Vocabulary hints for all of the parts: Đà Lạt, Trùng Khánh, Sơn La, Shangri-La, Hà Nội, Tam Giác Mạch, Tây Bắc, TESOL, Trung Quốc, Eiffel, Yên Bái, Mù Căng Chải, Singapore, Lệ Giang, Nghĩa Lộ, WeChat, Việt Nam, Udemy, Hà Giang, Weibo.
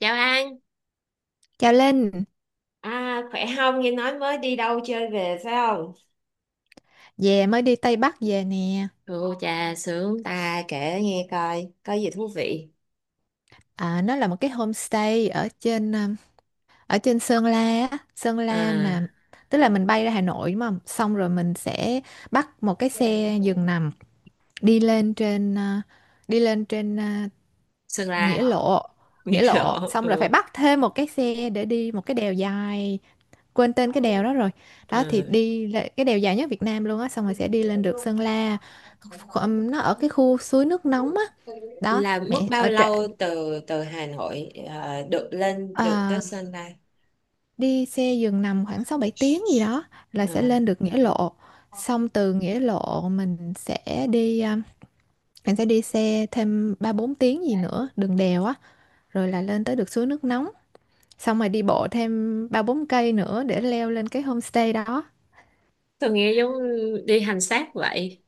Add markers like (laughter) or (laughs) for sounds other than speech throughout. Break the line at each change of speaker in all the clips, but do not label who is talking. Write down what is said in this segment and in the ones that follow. Chào An.
Chào Linh,
À, khỏe không? Nghe nói mới đi đâu chơi về phải không?
về mới đi Tây Bắc về nè.
Ô chà sướng. Ta kể nghe coi, có gì thú vị?
À, nó là một cái homestay ở trên Sơn La á. Sơn
À,
La mà tức là mình bay ra Hà Nội đúng không? Xong rồi mình sẽ bắt một cái xe giường nằm đi lên trên uh, đi lên trên
Sơn
nghĩa
La.
lộ
(laughs) Nghe
nghĩa Lộ,
rõ.
xong rồi phải
Ừ.
bắt thêm một cái xe để đi một cái đèo dài, quên tên cái đèo đó rồi, đó thì
Ừ.
cái đèo dài nhất Việt Nam luôn á, xong rồi sẽ đi lên được Sơn La. Nó ở cái khu suối nước nóng á đó.
Là mất
Mẹ
bao
ở trệ.
lâu từ từ Hà Nội được lên được tới
à,
Sơn La?
đi xe giường nằm khoảng 6-7 tiếng gì
(laughs)
đó là sẽ
Ờ,
lên được Nghĩa Lộ. Xong từ Nghĩa Lộ mình sẽ mình sẽ đi xe thêm 3-4 tiếng gì nữa đường đèo á, rồi là lên tới được suối nước nóng. Xong rồi đi bộ thêm 3-4 cây nữa để leo lên cái homestay đó.
tôi nghe giống đi hành xác vậy.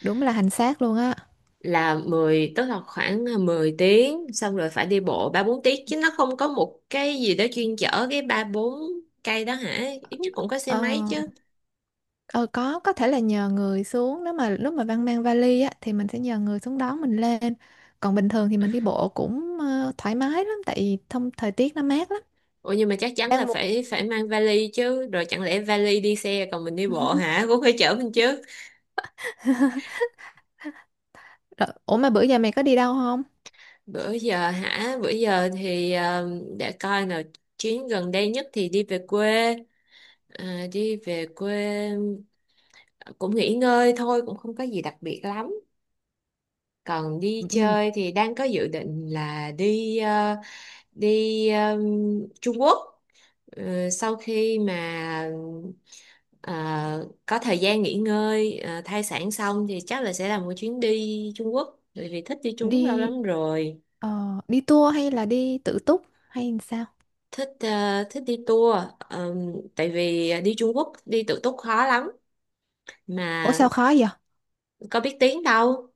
Đúng là hành xác luôn á.
Là mười, tức là khoảng 10 tiếng xong rồi phải đi bộ 3 4 tiếng chứ nó không có một cái gì đó chuyên chở cái 3 4 cây đó hả? Ít nhất cũng có xe
ờ,
máy chứ.
ờ có thể là nhờ người xuống, nếu mà lúc mà Văn mang vali á thì mình sẽ nhờ người xuống đón mình lên. Còn bình thường thì mình đi bộ cũng thoải mái lắm, tại vì thông thời tiết nó mát lắm.
Ủa nhưng mà chắc chắn là
Đang mùa.
phải phải mang vali chứ, rồi chẳng lẽ vali đi xe còn mình đi bộ hả? (laughs) Cũng phải chở mình chứ.
(laughs) Rồi, ủa mà bữa giờ mày có đi đâu không?
Bữa giờ hả? Bữa giờ thì để coi nào, chuyến gần đây nhất thì đi về quê. À, đi về quê, ờ, cũng nghỉ ngơi thôi, cũng không có gì đặc biệt lắm. Còn đi
Ừ,
chơi thì đang có dự định là đi ờ, Trung Quốc. Sau khi mà ờ, có thời gian nghỉ ngơi thai sản xong thì chắc là sẽ làm một chuyến đi Trung Quốc, bởi vì thích đi Trung Quốc lâu
đi
lắm rồi.
đi tour hay là đi tự túc hay sao?
Thích đi tour. Ờ, Tại vì đi Trung Quốc đi tự túc khó lắm
Ủa
mà,
sao khó vậy?
có biết tiếng đâu.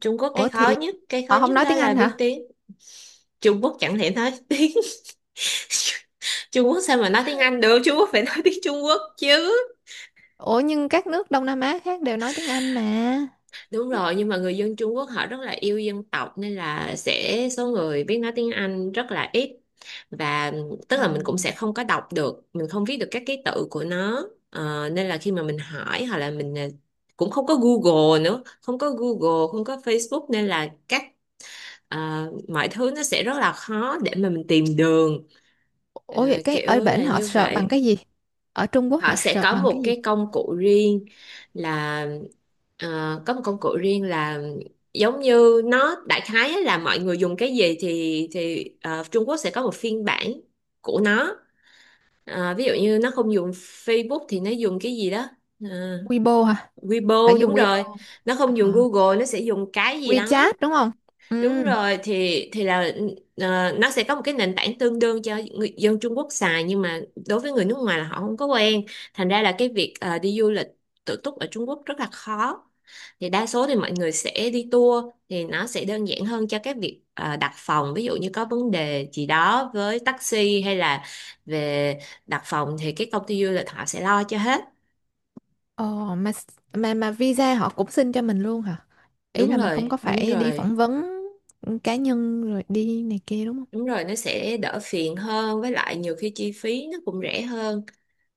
Trung Quốc,
Ủa
cái khó
thì
nhất cái khó
họ không
nhất
nói
đó
tiếng
là
Anh
biết
hả?
tiếng. Trung Quốc chẳng thể nói (laughs) tiếng (laughs) Trung Quốc, sao mà nói tiếng Anh được, Trung Quốc phải nói tiếng Trung Quốc chứ.
Ủa nhưng các nước Đông Nam Á khác đều nói tiếng Anh mà.
Đúng rồi, nhưng mà người dân Trung Quốc họ rất là yêu dân tộc nên là sẽ số người biết nói tiếng Anh rất là ít. Và tức là mình cũng sẽ không có đọc được, mình không viết được các ký tự của nó. Nên là khi mà mình hỏi hoặc là mình, cũng không có Google nữa, không có Google không có Facebook nên là mọi thứ nó sẽ rất là khó để mà mình tìm đường. Ờ,
Ủa vậy cái
Kiểu
ở bển
là
họ
như
search bằng
vậy.
cái gì? Ở Trung Quốc họ
Họ sẽ
search
có
bằng
một
cái gì?
cái công cụ riêng, là có một công cụ riêng, là giống như nó đại khái á, là mọi người dùng cái gì thì Trung Quốc sẽ có một phiên bản của nó. Ví dụ như nó không dùng Facebook thì nó dùng cái gì đó. Ờ,
Weibo hả?
Weibo
Phải
đúng
dùng Weibo
rồi,
không?
nó không dùng
À,
Google, nó sẽ dùng cái gì đó.
WeChat đúng không?
Đúng
Ừ.
rồi, thì là nó sẽ có một cái nền tảng tương đương cho người dân Trung Quốc xài, nhưng mà đối với người nước ngoài là họ không có quen. Thành ra là cái việc đi du lịch tự túc ở Trung Quốc rất là khó. Thì đa số thì mọi người sẽ đi tour, thì nó sẽ đơn giản hơn cho các việc đặt phòng, ví dụ như có vấn đề gì đó với taxi hay là về đặt phòng thì cái công ty du lịch họ sẽ lo cho hết.
Ồ mà s- mà visa họ cũng xin cho mình luôn hả? Ý
đúng
là mình không có
rồi đúng
phải đi
rồi
phỏng vấn cá nhân rồi đi này kia đúng không?
đúng rồi, nó sẽ đỡ phiền hơn, với lại nhiều khi chi phí nó cũng rẻ hơn.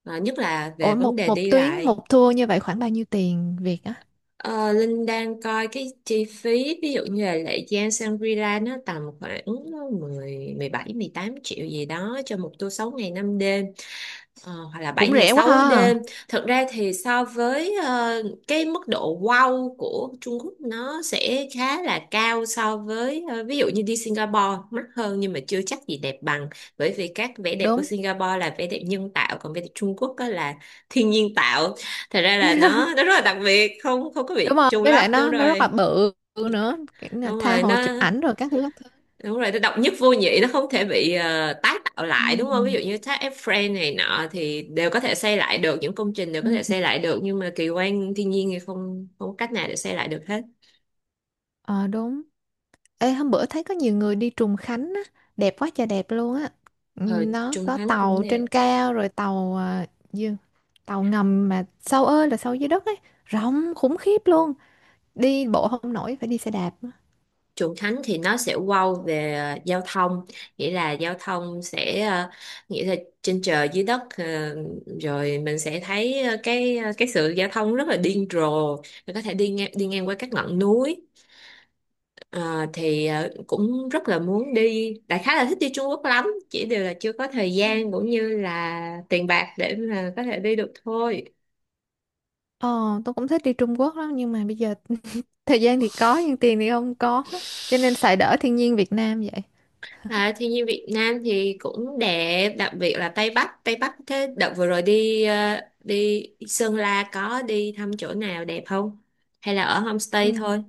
Ờ, nhất là về
Ủa, một
vấn đề
một
đi
tuyến, một
lại.
tour như vậy khoảng bao nhiêu tiền Việt á?
Ờ, Linh đang coi cái chi phí, ví dụ như là Lệ Giang Shangri-La nó tầm khoảng mười, mười bảy mười tám triệu gì đó cho một tour 6 ngày 5 đêm. Ờ, hoặc là 7
Cũng
ngày
rẻ quá
6
ha.
đêm. Thật ra thì so với cái mức độ wow của Trung Quốc nó sẽ khá là cao, so với ví dụ như đi Singapore mắc hơn nhưng mà chưa chắc gì đẹp bằng. Bởi vì các vẻ đẹp của
Đúng.
Singapore là vẻ đẹp nhân tạo, còn vẻ đẹp Trung Quốc á là thiên nhiên tạo. Thật ra là nó rất là đặc biệt, không không có
Đúng
bị
rồi,
trùng
với
lắp,
lại
đúng
nó rất là
rồi.
bự nữa, kiểu là
Đúng
tha
rồi,
hồ chụp
nó
ảnh rồi các thứ các thứ.
đúng rồi, nó độc nhất vô nhị, nó không thể bị tái tạo
Ừ.
lại, đúng không? Ví dụ như thác Eiffel này nọ thì đều có thể xây lại được, những công trình đều
Ừ.
có thể xây lại được, nhưng mà kỳ quan thiên nhiên thì không, không có cách nào để xây lại được hết.
Ờ đúng. Ê hôm bữa thấy có nhiều người đi Trùng Khánh á, đẹp quá trời đẹp luôn á. Ừ,
Ờ,
nó
Trung
có
Thánh cũng
tàu
nè.
trên cao rồi tàu, à, gì? Tàu ngầm mà sâu ơi là sâu dưới đất ấy, rộng khủng khiếp luôn, đi bộ không nổi phải đi xe đạp á.
Trùng Khánh thì nó sẽ wow về giao thông, nghĩa là giao thông sẽ nghĩa là trên trời dưới đất, rồi mình sẽ thấy cái sự giao thông rất là điên rồ, mình có thể đi ngang qua các ngọn núi. Ờ, thì cũng rất là muốn đi, đại khái là thích đi Trung Quốc lắm, chỉ điều là chưa có thời gian cũng như là tiền bạc để mà có thể đi được thôi.
Ờ tôi cũng thích đi Trung Quốc lắm nhưng mà bây giờ (laughs) thời gian thì có nhưng tiền thì không có, cho nên xài đỡ thiên nhiên Việt Nam vậy.
À, thiên nhiên Việt Nam thì cũng đẹp, đặc biệt là Tây Bắc. Tây Bắc thế đợt vừa rồi đi đi Sơn La có đi thăm chỗ nào đẹp không, hay là ở
Ừ.
homestay thôi?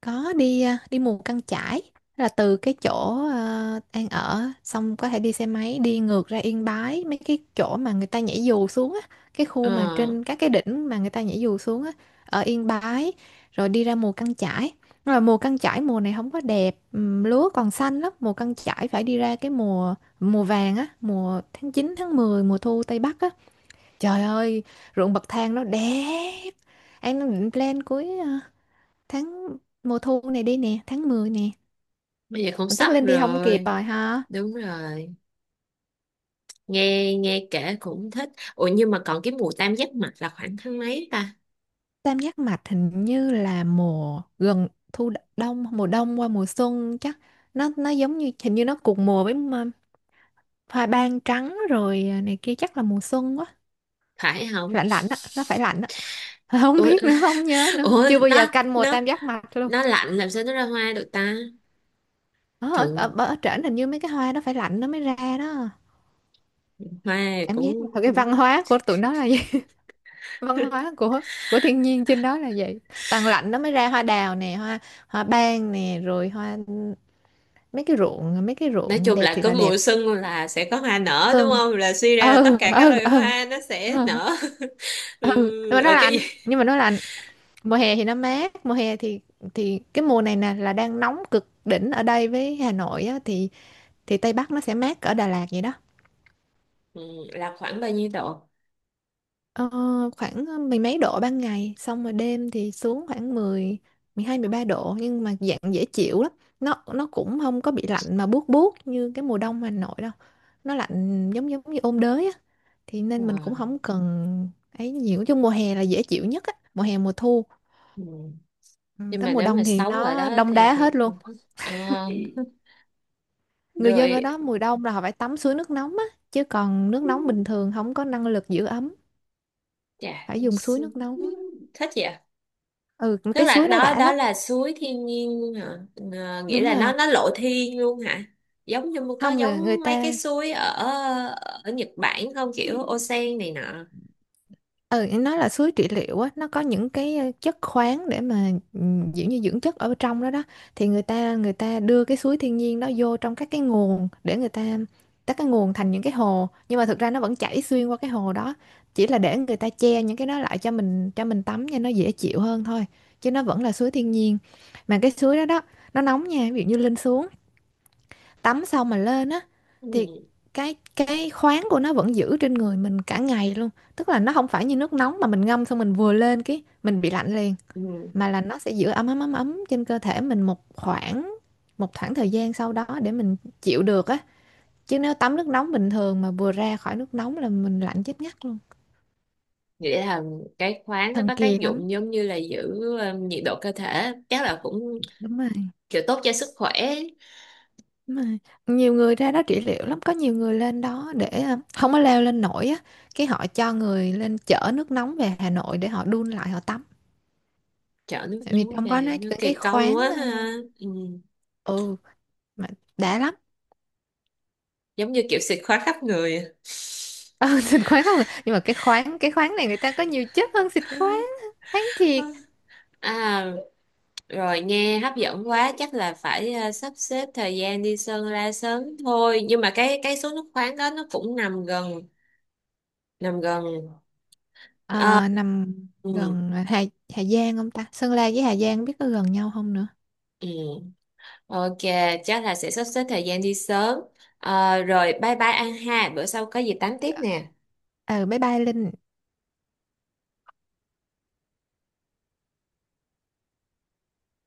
Có đi, đi mù căng chải, là từ cái chỗ, An ở, xong có thể đi xe máy đi ngược ra Yên Bái mấy cái chỗ mà người ta nhảy dù xuống á, cái khu
ờ
mà trên các cái đỉnh mà người ta nhảy dù xuống á, ở Yên Bái, rồi đi ra mù căng chải. Rồi mùa căng chải mùa này không có đẹp, lúa còn xanh lắm, mùa căng chải phải đi ra cái mùa mùa vàng á, mùa tháng 9 tháng 10 mùa thu Tây Bắc á. Trời ơi, ruộng bậc thang nó đẹp. Em định plan cuối tháng mùa thu này đi nè, tháng 10 nè.
Bây giờ cũng
Mà chắc
sắp
lên đi không kịp
rồi.
rồi ha.
Đúng rồi, nghe nghe kể cũng thích. Ủa nhưng mà còn cái mùa tam giác mạch là khoảng tháng mấy ta?
Tam Giác Mạch hình như là mùa gần thu, đông, mùa đông qua mùa xuân chắc. Nó giống như hình như nó cùng mùa với hoa ban trắng rồi, này kia, chắc là mùa xuân quá.
Phải không?
Lạnh lạnh á nó phải lạnh á. (laughs) Không
Ủa
biết nữa, không nhớ nữa,
ủa
chưa bao giờ canh mùa tam giác mạch luôn.
nó lạnh làm sao nó ra hoa được ta?
Ờ, ở ở,
Thường
ở, ở, trển hình như mấy cái hoa nó phải lạnh nó mới ra đó.
hoa
Cảm giác
cũng,
là cái văn
cũng
hóa của tụi nó là văn
(laughs)
hóa của thiên nhiên trên đó là vậy, tàn lạnh nó mới ra hoa đào nè, hoa hoa ban nè, rồi hoa mấy cái ruộng mấy cái
nói
ruộng
chung
đẹp
là
thiệt
có
là đẹp.
mùa xuân là sẽ có hoa nở, đúng
Tường.
không? Là suy ra là tất
Ừ
cả các
ừ
loài
ừ
hoa nó sẽ
ừ.
nở. (laughs)
Ừ. Nhưng
Ừ,
mà nó
ở cái
lạnh,
gì?
nhưng mà nó lạnh. Mùa hè thì nó mát. Mùa hè thì, cái mùa này nè là đang nóng cực đỉnh ở đây với Hà Nội á, thì, Tây Bắc nó sẽ mát ở Đà Lạt vậy đó.
Ừ, là khoảng bao nhiêu độ?
Ờ, khoảng mười mấy độ ban ngày, xong rồi đêm thì xuống khoảng mười, 12-13 độ, nhưng mà dạng dễ chịu lắm. Nó cũng không có bị lạnh mà buốt buốt như cái mùa đông Hà Nội đâu. Nó lạnh giống giống như ôn đới á. Thì
Ờ,
nên mình cũng không cần ấy nhiều, chứ mùa hè là dễ chịu nhất á, mùa hè mùa thu.
ừ.
Ừ,
Nhưng
tới
mà
mùa
nếu mà
đông thì
sống ở
nó
đó
đông
thì,
đá
thì...
hết luôn.
Ờ,
Người dân ở
rồi
đó mùa đông là họ phải tắm suối nước nóng á, chứ còn nước nóng bình thường không có năng lực giữ ấm,
dạ,
phải dùng suối nước nóng.
thích vậy.
Ừ,
Tức
cái
là
suối đó
đó
đã
đó
lắm.
là suối thiên nhiên hả? Ờ, nghĩa
Đúng
là nó
rồi.
nó lộ thiên luôn hả? Giống như có
Không, người người
giống mấy cái
ta,
suối ở ở Nhật Bản không, kiểu onsen này nọ?
ừ, nói là suối trị liệu á, nó có những cái chất khoáng, để mà kiểu như dưỡng chất ở trong đó đó, thì người ta đưa cái suối thiên nhiên đó vô trong các cái nguồn để người ta các cái nguồn thành những cái hồ, nhưng mà thực ra nó vẫn chảy xuyên qua cái hồ đó, chỉ là để người ta che những cái đó lại cho mình tắm cho nó dễ chịu hơn thôi, chứ nó vẫn là suối thiên nhiên. Mà cái suối đó đó nó nóng nha, ví dụ như lên xuống tắm xong mà lên á
Ừ.
thì cái khoáng của nó vẫn giữ trên người mình cả ngày luôn. Tức là nó không phải như nước nóng mà mình ngâm xong mình vừa lên cái mình bị lạnh liền,
Ừ.
mà là nó sẽ giữ ấm ấm ấm ấm trên cơ thể mình một khoảng, một khoảng thời gian sau đó để mình chịu được á, chứ nếu tắm nước nóng bình thường mà vừa ra khỏi nước nóng là mình lạnh chết ngắt luôn.
Nghĩa là cái khoáng nó
Thần
có tác
kỳ lắm.
dụng giống như là giữ nhiệt độ cơ thể, chắc là cũng
Đúng rồi.
kiểu tốt cho sức khỏe.
Mà nhiều người ra đó trị liệu lắm, có nhiều người lên đó để không có leo lên nổi á, cái họ cho người lên chở nước nóng về Hà Nội để họ đun lại họ tắm.
Chở nước
Tại vì
nóng
trong đó nó
về nó
có cái
kỳ công
khoáng,
quá ha. Ừ.
ừ, mà đã lắm.
Giống như kiểu xịt khoáng khắp người.
Ừ, (laughs) xịt khoáng không à? Nhưng mà cái khoáng, cái khoáng này người ta có nhiều chất hơn xịt khoáng, khoáng thiệt.
(laughs) À, rồi nghe hấp dẫn quá, chắc là phải sắp xếp thời gian đi Sơn La sớm thôi. Nhưng mà cái số nước khoáng đó nó cũng nằm gần, nằm gần. Ờ,
Ờ, nằm
ừ,
gần, Hà Hà Giang không ta, Sơn La với Hà Giang biết có gần nhau không nữa.
ừ. Ok, chắc là sẽ sắp xếp thời gian đi sớm. Ờ, rồi bye bye An ha, bữa sau có gì tám tiếp nè.
Ờ ừ, bye bye Linh.